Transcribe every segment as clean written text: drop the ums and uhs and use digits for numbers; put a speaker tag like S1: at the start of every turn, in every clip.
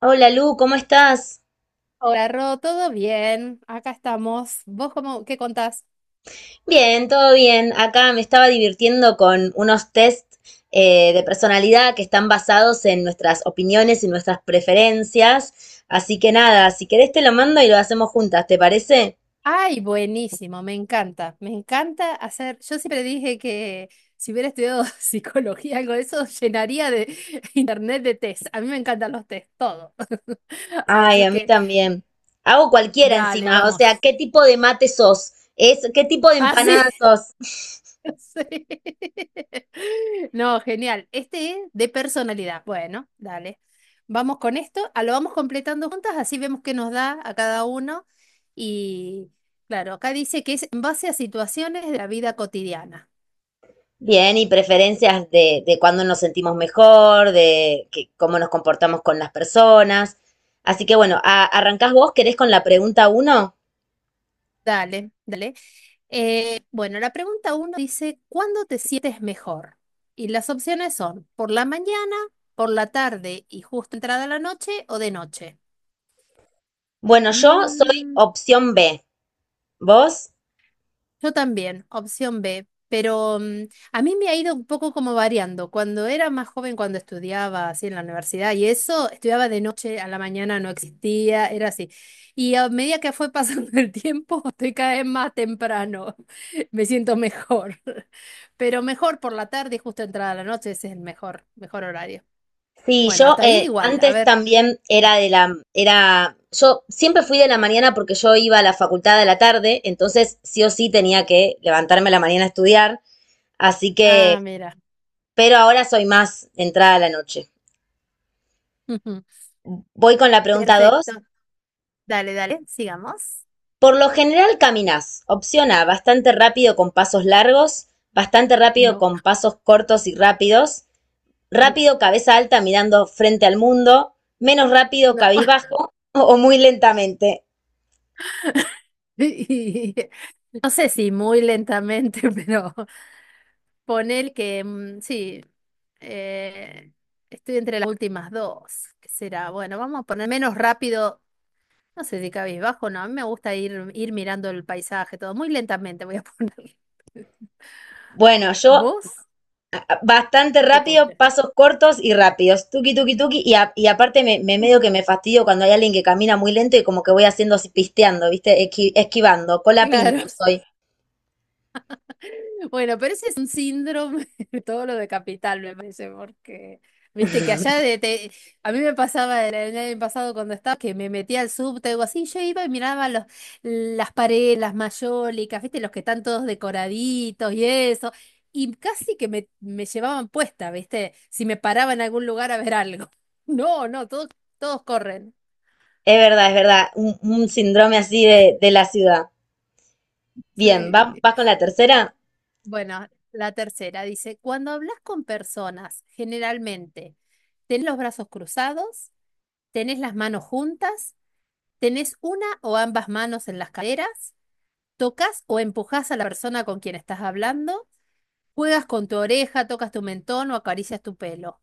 S1: Hola Lu, ¿cómo estás?
S2: Hola, Ro, ¿todo bien? Acá estamos. ¿Vos cómo, qué contás?
S1: Bien, todo bien. Acá me estaba divirtiendo con unos test de personalidad que están basados en nuestras opiniones y nuestras preferencias. Así que nada, si querés te lo mando y lo hacemos juntas, ¿te parece?
S2: Ay, buenísimo, me encanta. Me encanta hacer. Yo siempre dije que si hubiera estudiado psicología, algo de eso, llenaría de internet de test. A mí me encantan los test, todo.
S1: Ay,
S2: Así
S1: a mí
S2: que,
S1: también. Hago cualquiera
S2: dale,
S1: encima. O sea,
S2: vamos.
S1: ¿qué tipo de mate sos? Es, ¿qué tipo de empanada
S2: Así.
S1: sos?
S2: Sí. No, genial. Este es de personalidad. Bueno, dale. Vamos con esto, a lo vamos completando juntas, así vemos qué nos da a cada uno. Y claro, acá dice que es en base a situaciones de la vida cotidiana.
S1: Bien, y preferencias de cuándo nos sentimos mejor, de que- cómo nos comportamos con las personas. Así que bueno, a- ¿arrancás vos? ¿Querés con la pregunta uno?
S2: Dale, dale. Bueno, la pregunta uno dice, ¿cuándo te sientes mejor? Y las opciones son por la mañana, por la tarde y justo entrada la noche o de noche.
S1: Bueno, yo soy
S2: Mm,
S1: opción B. ¿Vos?
S2: Yo también, opción B, pero a mí me ha ido un poco como variando. Cuando era más joven, cuando estudiaba así en la universidad y eso, estudiaba de noche a la mañana, no existía, era así. Y a medida que fue pasando el tiempo, estoy cada vez más temprano, me siento mejor. Pero mejor por la tarde y justo entrada la noche, ese es el mejor, mejor horario.
S1: Sí,
S2: Bueno,
S1: yo
S2: hasta ahí igual, a
S1: antes
S2: ver.
S1: también era de la, era, yo siempre fui de la mañana porque yo iba a la facultad de la tarde, entonces sí o sí tenía que levantarme a la mañana a estudiar, así que,
S2: Ah, mira.
S1: pero ahora soy más entrada a la noche.
S2: Ujú.
S1: Voy con la pregunta
S2: Perfecto.
S1: dos.
S2: Dale, dale, sigamos.
S1: Por lo general caminas, opción A, bastante rápido con pasos largos, bastante rápido
S2: No,
S1: con pasos cortos y rápidos,
S2: no.
S1: rápido cabeza alta mirando frente al mundo, menos rápido
S2: No.
S1: cabizbajo o muy lentamente.
S2: No sé si muy lentamente, pero ponel que sí, eh, estoy entre las últimas dos. ¿Qué será? Bueno, vamos a poner menos rápido, no sé si cabizbajo, no, a mí me gusta ir, mirando el paisaje, todo muy lentamente voy a poner.
S1: Bueno, yo
S2: ¿Vos?
S1: bastante
S2: ¿Qué
S1: rápido,
S2: postre?
S1: pasos cortos y rápidos, tuki tuki tuki, y, a- y aparte me medio que me fastidio cuando hay alguien que camina muy lento y como que voy haciendo así pisteando, ¿viste? Esqui- esquivando, cola pinto
S2: Claro.
S1: soy.
S2: Bueno, pero ese es un síndrome de todo lo de capital, me parece, porque viste que allá a mí me pasaba el año pasado cuando estaba que me metía al subte o así, yo iba y miraba las paredes, las mayólicas, viste, los que están todos decoraditos y eso, y casi que me llevaban puesta, viste, si me paraba en algún lugar a ver algo. No, no, todos, todos corren.
S1: Es verdad, un síndrome así de la ciudad. Bien,
S2: Sí.
S1: ¿va, va con la tercera?
S2: Bueno, la tercera dice, cuando hablas con personas, generalmente, ¿tenés los brazos cruzados? ¿Tenés las manos juntas? ¿Tenés una o ambas manos en las caderas? ¿Tocas o empujás a la persona con quien estás hablando? ¿Juegas con tu oreja, tocas tu mentón o acaricias tu pelo?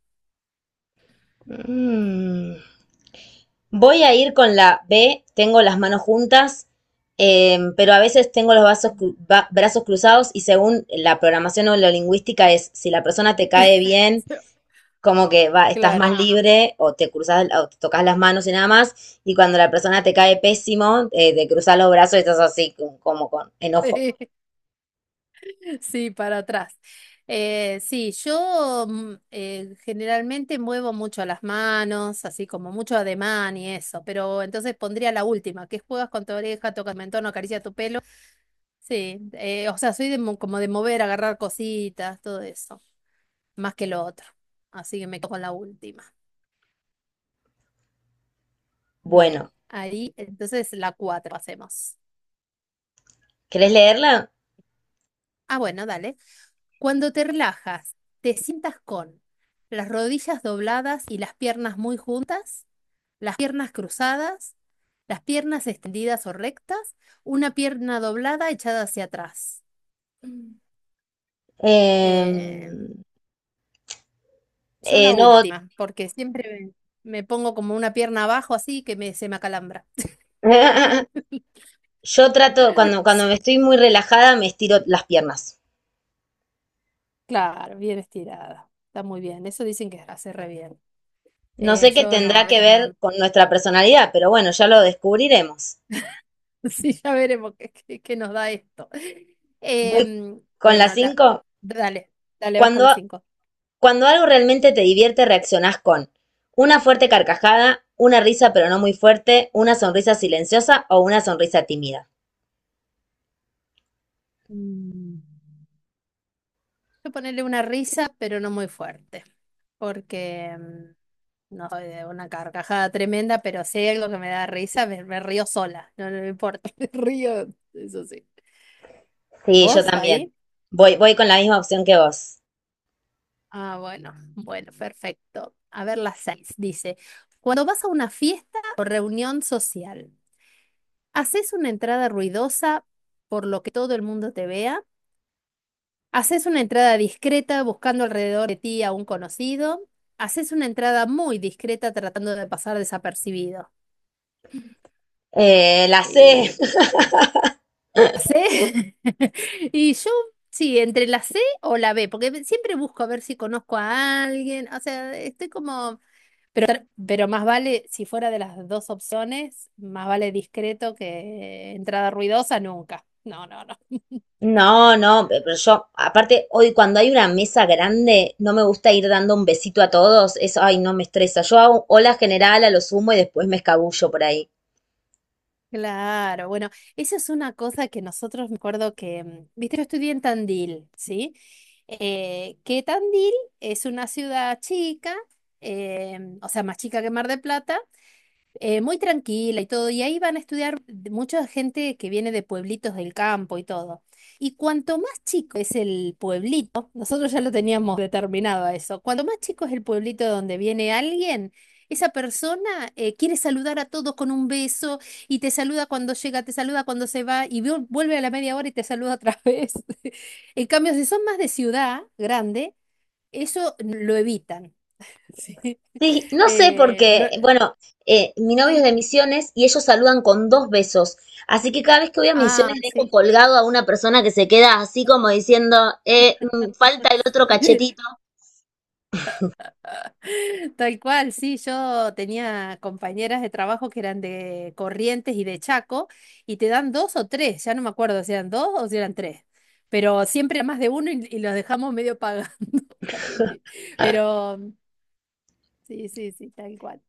S1: Mm, voy a ir con la B, tengo las manos juntas, pero a veces tengo los vasos cru- ba- brazos cruzados y según la programación o la lingüística es si la persona te cae bien, como que va, estás
S2: Claro.
S1: más libre o te cruzas o te tocas las manos y nada más, y cuando la persona te cae pésimo, te cruzas los brazos y estás así como con enojo.
S2: Sí, para atrás. Sí, yo generalmente muevo mucho las manos, así como mucho ademán y eso, pero entonces pondría la última, que es juegas con tu oreja, tocas mentón, acaricia tu pelo. Sí, o sea, soy como de mover, agarrar cositas, todo eso, más que lo otro. Así que me quedo con la última. Bien,
S1: Bueno,
S2: ahí entonces la cuatro hacemos.
S1: ¿querés leerla?
S2: Ah, bueno, dale. Cuando te relajas, te sientas con las rodillas dobladas y las piernas muy juntas, las piernas cruzadas, las piernas extendidas o rectas, una pierna doblada echada hacia atrás. Mm.
S1: Em,
S2: Eh, yo la
S1: no.
S2: última, porque siempre me pongo como una pierna abajo así que se me acalambra.
S1: Yo trato, cuando
S2: Sí.
S1: me estoy muy relajada, me estiro las piernas.
S2: Claro, bien estirada. Está muy bien. Eso dicen que hace re bien.
S1: No
S2: Eh,
S1: sé qué
S2: yo no, a
S1: tendrá que
S2: veces
S1: ver
S2: no.
S1: con nuestra personalidad, pero bueno, ya lo descubriremos.
S2: Sí, ya veremos qué nos da esto.
S1: Voy
S2: Em,
S1: con la
S2: bueno, la-
S1: cinco.
S2: dale, dale, vas con
S1: Cuando,
S2: las cinco.
S1: Cuando algo realmente te divierte, reaccionás con una fuerte carcajada, una risa pero no muy fuerte, una sonrisa silenciosa o una sonrisa tímida.
S2: Mm, Yo ponerle una risa, pero no muy fuerte, porque no soy de una carcajada tremenda, pero si hay algo que me da risa, me río sola, no, no me importa, me río, eso sí.
S1: Sí, yo
S2: ¿Vos
S1: también.
S2: ahí?
S1: Voy con la misma opción que vos.
S2: Ah, bueno, bueno, perfecto. A ver, las seis dice, cuando vas a una fiesta o reunión social. Haces una entrada ruidosa por lo que todo el mundo te vea. Haces una entrada discreta buscando alrededor de ti a un conocido. Haces una entrada muy discreta tratando de pasar desapercibido.
S1: La C.
S2: Eh, eh, ¿La C? Y yo, sí, entre la C o la B, porque siempre busco a ver si conozco a alguien. O sea, estoy como. Pero, pero más vale, si fuera de las dos opciones, más vale discreto que entrada ruidosa nunca. No, no, no.
S1: No, no, pe- pero yo, aparte, hoy cuando hay una mesa grande, no me gusta ir dando un besito a todos. Eso, ay, no me estresa. Yo hago hola general a lo sumo y después me escabullo por ahí.
S2: Claro, bueno, esa es una cosa que nosotros me acuerdo que, viste, yo estudié en Tandil, ¿sí? Que Tandil es una ciudad chica, o sea, más chica que Mar del Plata, muy tranquila y todo, y ahí van a estudiar mucha gente que viene de pueblitos del campo y todo. Y cuanto más chico es el pueblito, nosotros ya lo teníamos determinado a eso, cuanto más chico es el pueblito de donde viene alguien, esa persona quiere saludar a todos con un beso y te saluda cuando llega, te saluda cuando se va y vuelve a la media hora y te saluda otra vez. En cambio, si son más de ciudad grande, eso lo evitan. Sí.
S1: Sí, no sé
S2: Eh, lo-
S1: porque, bueno, mi novio es
S2: Sí.
S1: de Misiones y ellos saludan con dos besos. Así que cada vez que voy a
S2: Ah,
S1: Misiones dejo
S2: sí.
S1: colgado a una persona que se queda así como diciendo, falta el otro cachetito.
S2: Tal cual, sí, yo tenía compañeras de trabajo que eran de Corrientes y de Chaco, y te dan dos o tres, ya no me acuerdo si eran dos o si eran tres, pero siempre más de uno y los dejamos medio pagando. ahí. Pero sí, sí, sí, tal cual.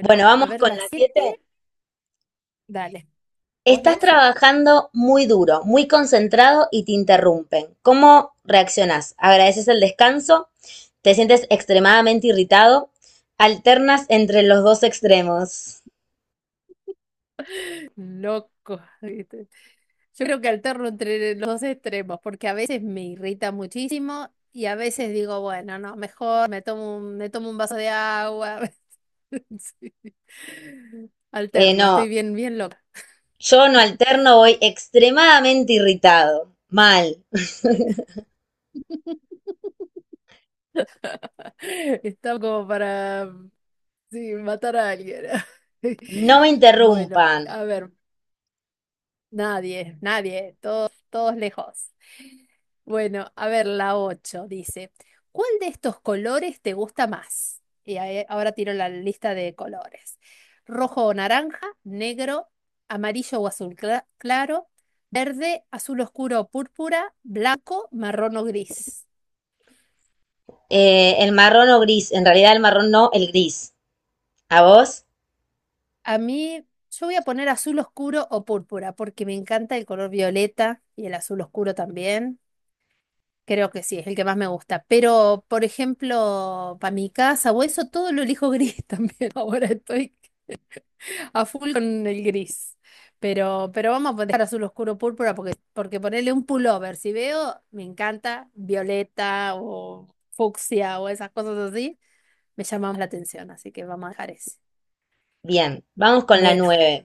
S1: Bueno,
S2: a
S1: vamos
S2: ver,
S1: con
S2: las
S1: las
S2: siete,
S1: siete.
S2: dale, vos
S1: Estás
S2: lees. Sí.
S1: trabajando muy duro, muy concentrado y te interrumpen. ¿Cómo reaccionás? ¿Agradeces el descanso? ¿Te sientes extremadamente irritado? ¿Alternas entre los dos extremos?
S2: Loco. Yo creo que alterno entre los dos extremos, porque a veces me irrita muchísimo y a veces digo, bueno, no, mejor me tomo un vaso de agua. Sí.
S1: Eh,
S2: Alterno,
S1: no,
S2: estoy bien, bien loca.
S1: yo no alterno, voy extremadamente irritado. Mal.
S2: Estaba como para, sí, matar a alguien.
S1: No me
S2: Bueno,
S1: interrumpan.
S2: a ver. Nadie, nadie, todos, todos lejos. Bueno, a ver, la 8 dice, ¿cuál de estos colores te gusta más? Y ahora tiro la lista de colores. Rojo o naranja, negro, amarillo o azul claro, verde, azul oscuro o púrpura, blanco, marrón o gris.
S1: El marrón o gris. En realidad el marrón no, el gris. ¿A vos?
S2: A mí, yo voy a poner azul oscuro o púrpura porque me encanta el color violeta y el azul oscuro también. Creo que sí, es el que más me gusta. Pero, por ejemplo, para mi casa o eso, todo lo elijo gris también. Ahora estoy a full con el gris. Pero vamos a poner azul oscuro púrpura porque, ponerle un pullover, si veo, me encanta violeta o fucsia o esas cosas así, me llama más la atención. Así que vamos a dejar ese.
S1: Bien. Vamos con la
S2: Bueno.
S1: nueve.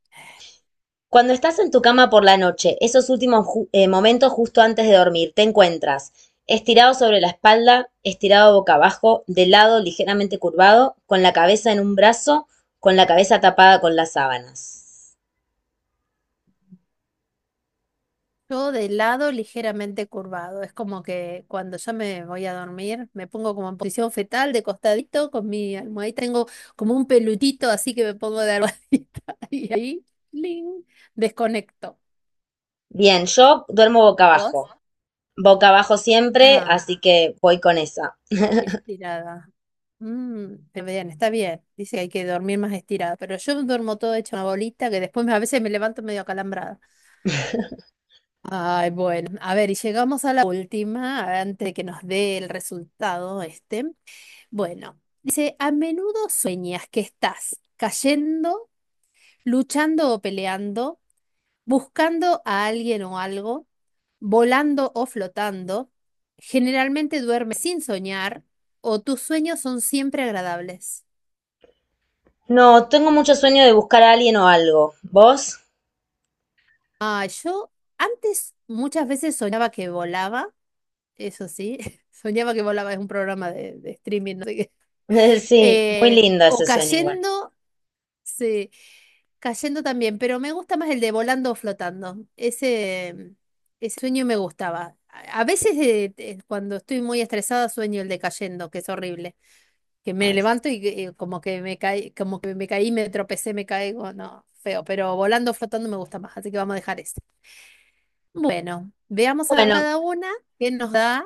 S1: Cuando estás en tu cama por la noche, esos últimos ju- momentos justo antes de dormir, te encuentras estirado sobre la espalda, estirado boca abajo, de lado ligeramente curvado, con la cabeza en un brazo, con la cabeza tapada con las sábanas.
S2: Yo de lado ligeramente curvado. Es como que cuando yo me voy a dormir, me pongo como en posición fetal, de costadito, con mi almohadita. Tengo como un pelutito, así que me pongo de almohadita. Y ahí, ¡ling! Desconecto.
S1: Bien, yo duermo
S2: ¿Vos?
S1: boca abajo siempre,
S2: Ah,
S1: así que voy con esa.
S2: y estirada. Está bien, está bien. Dice que hay que dormir más estirada. Pero yo duermo todo hecho una bolita que después a veces me levanto medio acalambrada. Ay, bueno. A ver, y llegamos a la última, antes de que nos dé el resultado este. Bueno, dice, a menudo sueñas que estás cayendo, luchando o peleando, buscando a alguien o algo, volando o flotando. Generalmente duermes sin soñar o tus sueños son siempre agradables.
S1: No, tengo mucho sueño de buscar a alguien o algo. ¿Vos?
S2: Ah, yo antes muchas veces soñaba que volaba, eso sí, soñaba que volaba, es un programa de streaming, no sé qué.
S1: Sí, muy
S2: Eh,
S1: lindo
S2: o
S1: ese sueño igual.
S2: cayendo. Sí, cayendo también, pero me gusta más el de volando o flotando. Ese sueño me gustaba. A veces cuando estoy muy estresada sueño el de cayendo, que es horrible. Que me
S1: Ay,
S2: levanto
S1: sí.
S2: y que, como que me caí, me tropecé, me caigo, no, feo, pero volando o flotando me gusta más, así que vamos a dejar ese. Bueno, veamos a
S1: Bueno,
S2: cada una qué nos da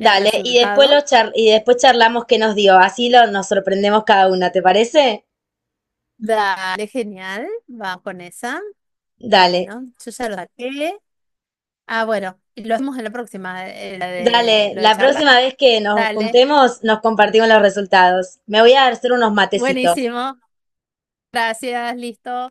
S2: el
S1: y después lo
S2: resultado.
S1: char- y después charlamos qué nos dio, así lo, nos sorprendemos cada una, ¿te parece?
S2: Dale, genial, va con esa.
S1: Dale,
S2: Bueno, yo ya lo saqué. Ah, bueno, y lo hacemos en la próxima, la de
S1: Dale,
S2: lo de
S1: la
S2: charla.
S1: próxima vez que nos
S2: Dale,
S1: juntemos nos compartimos los resultados. Me voy a hacer unos matecitos.
S2: buenísimo. Gracias, listo.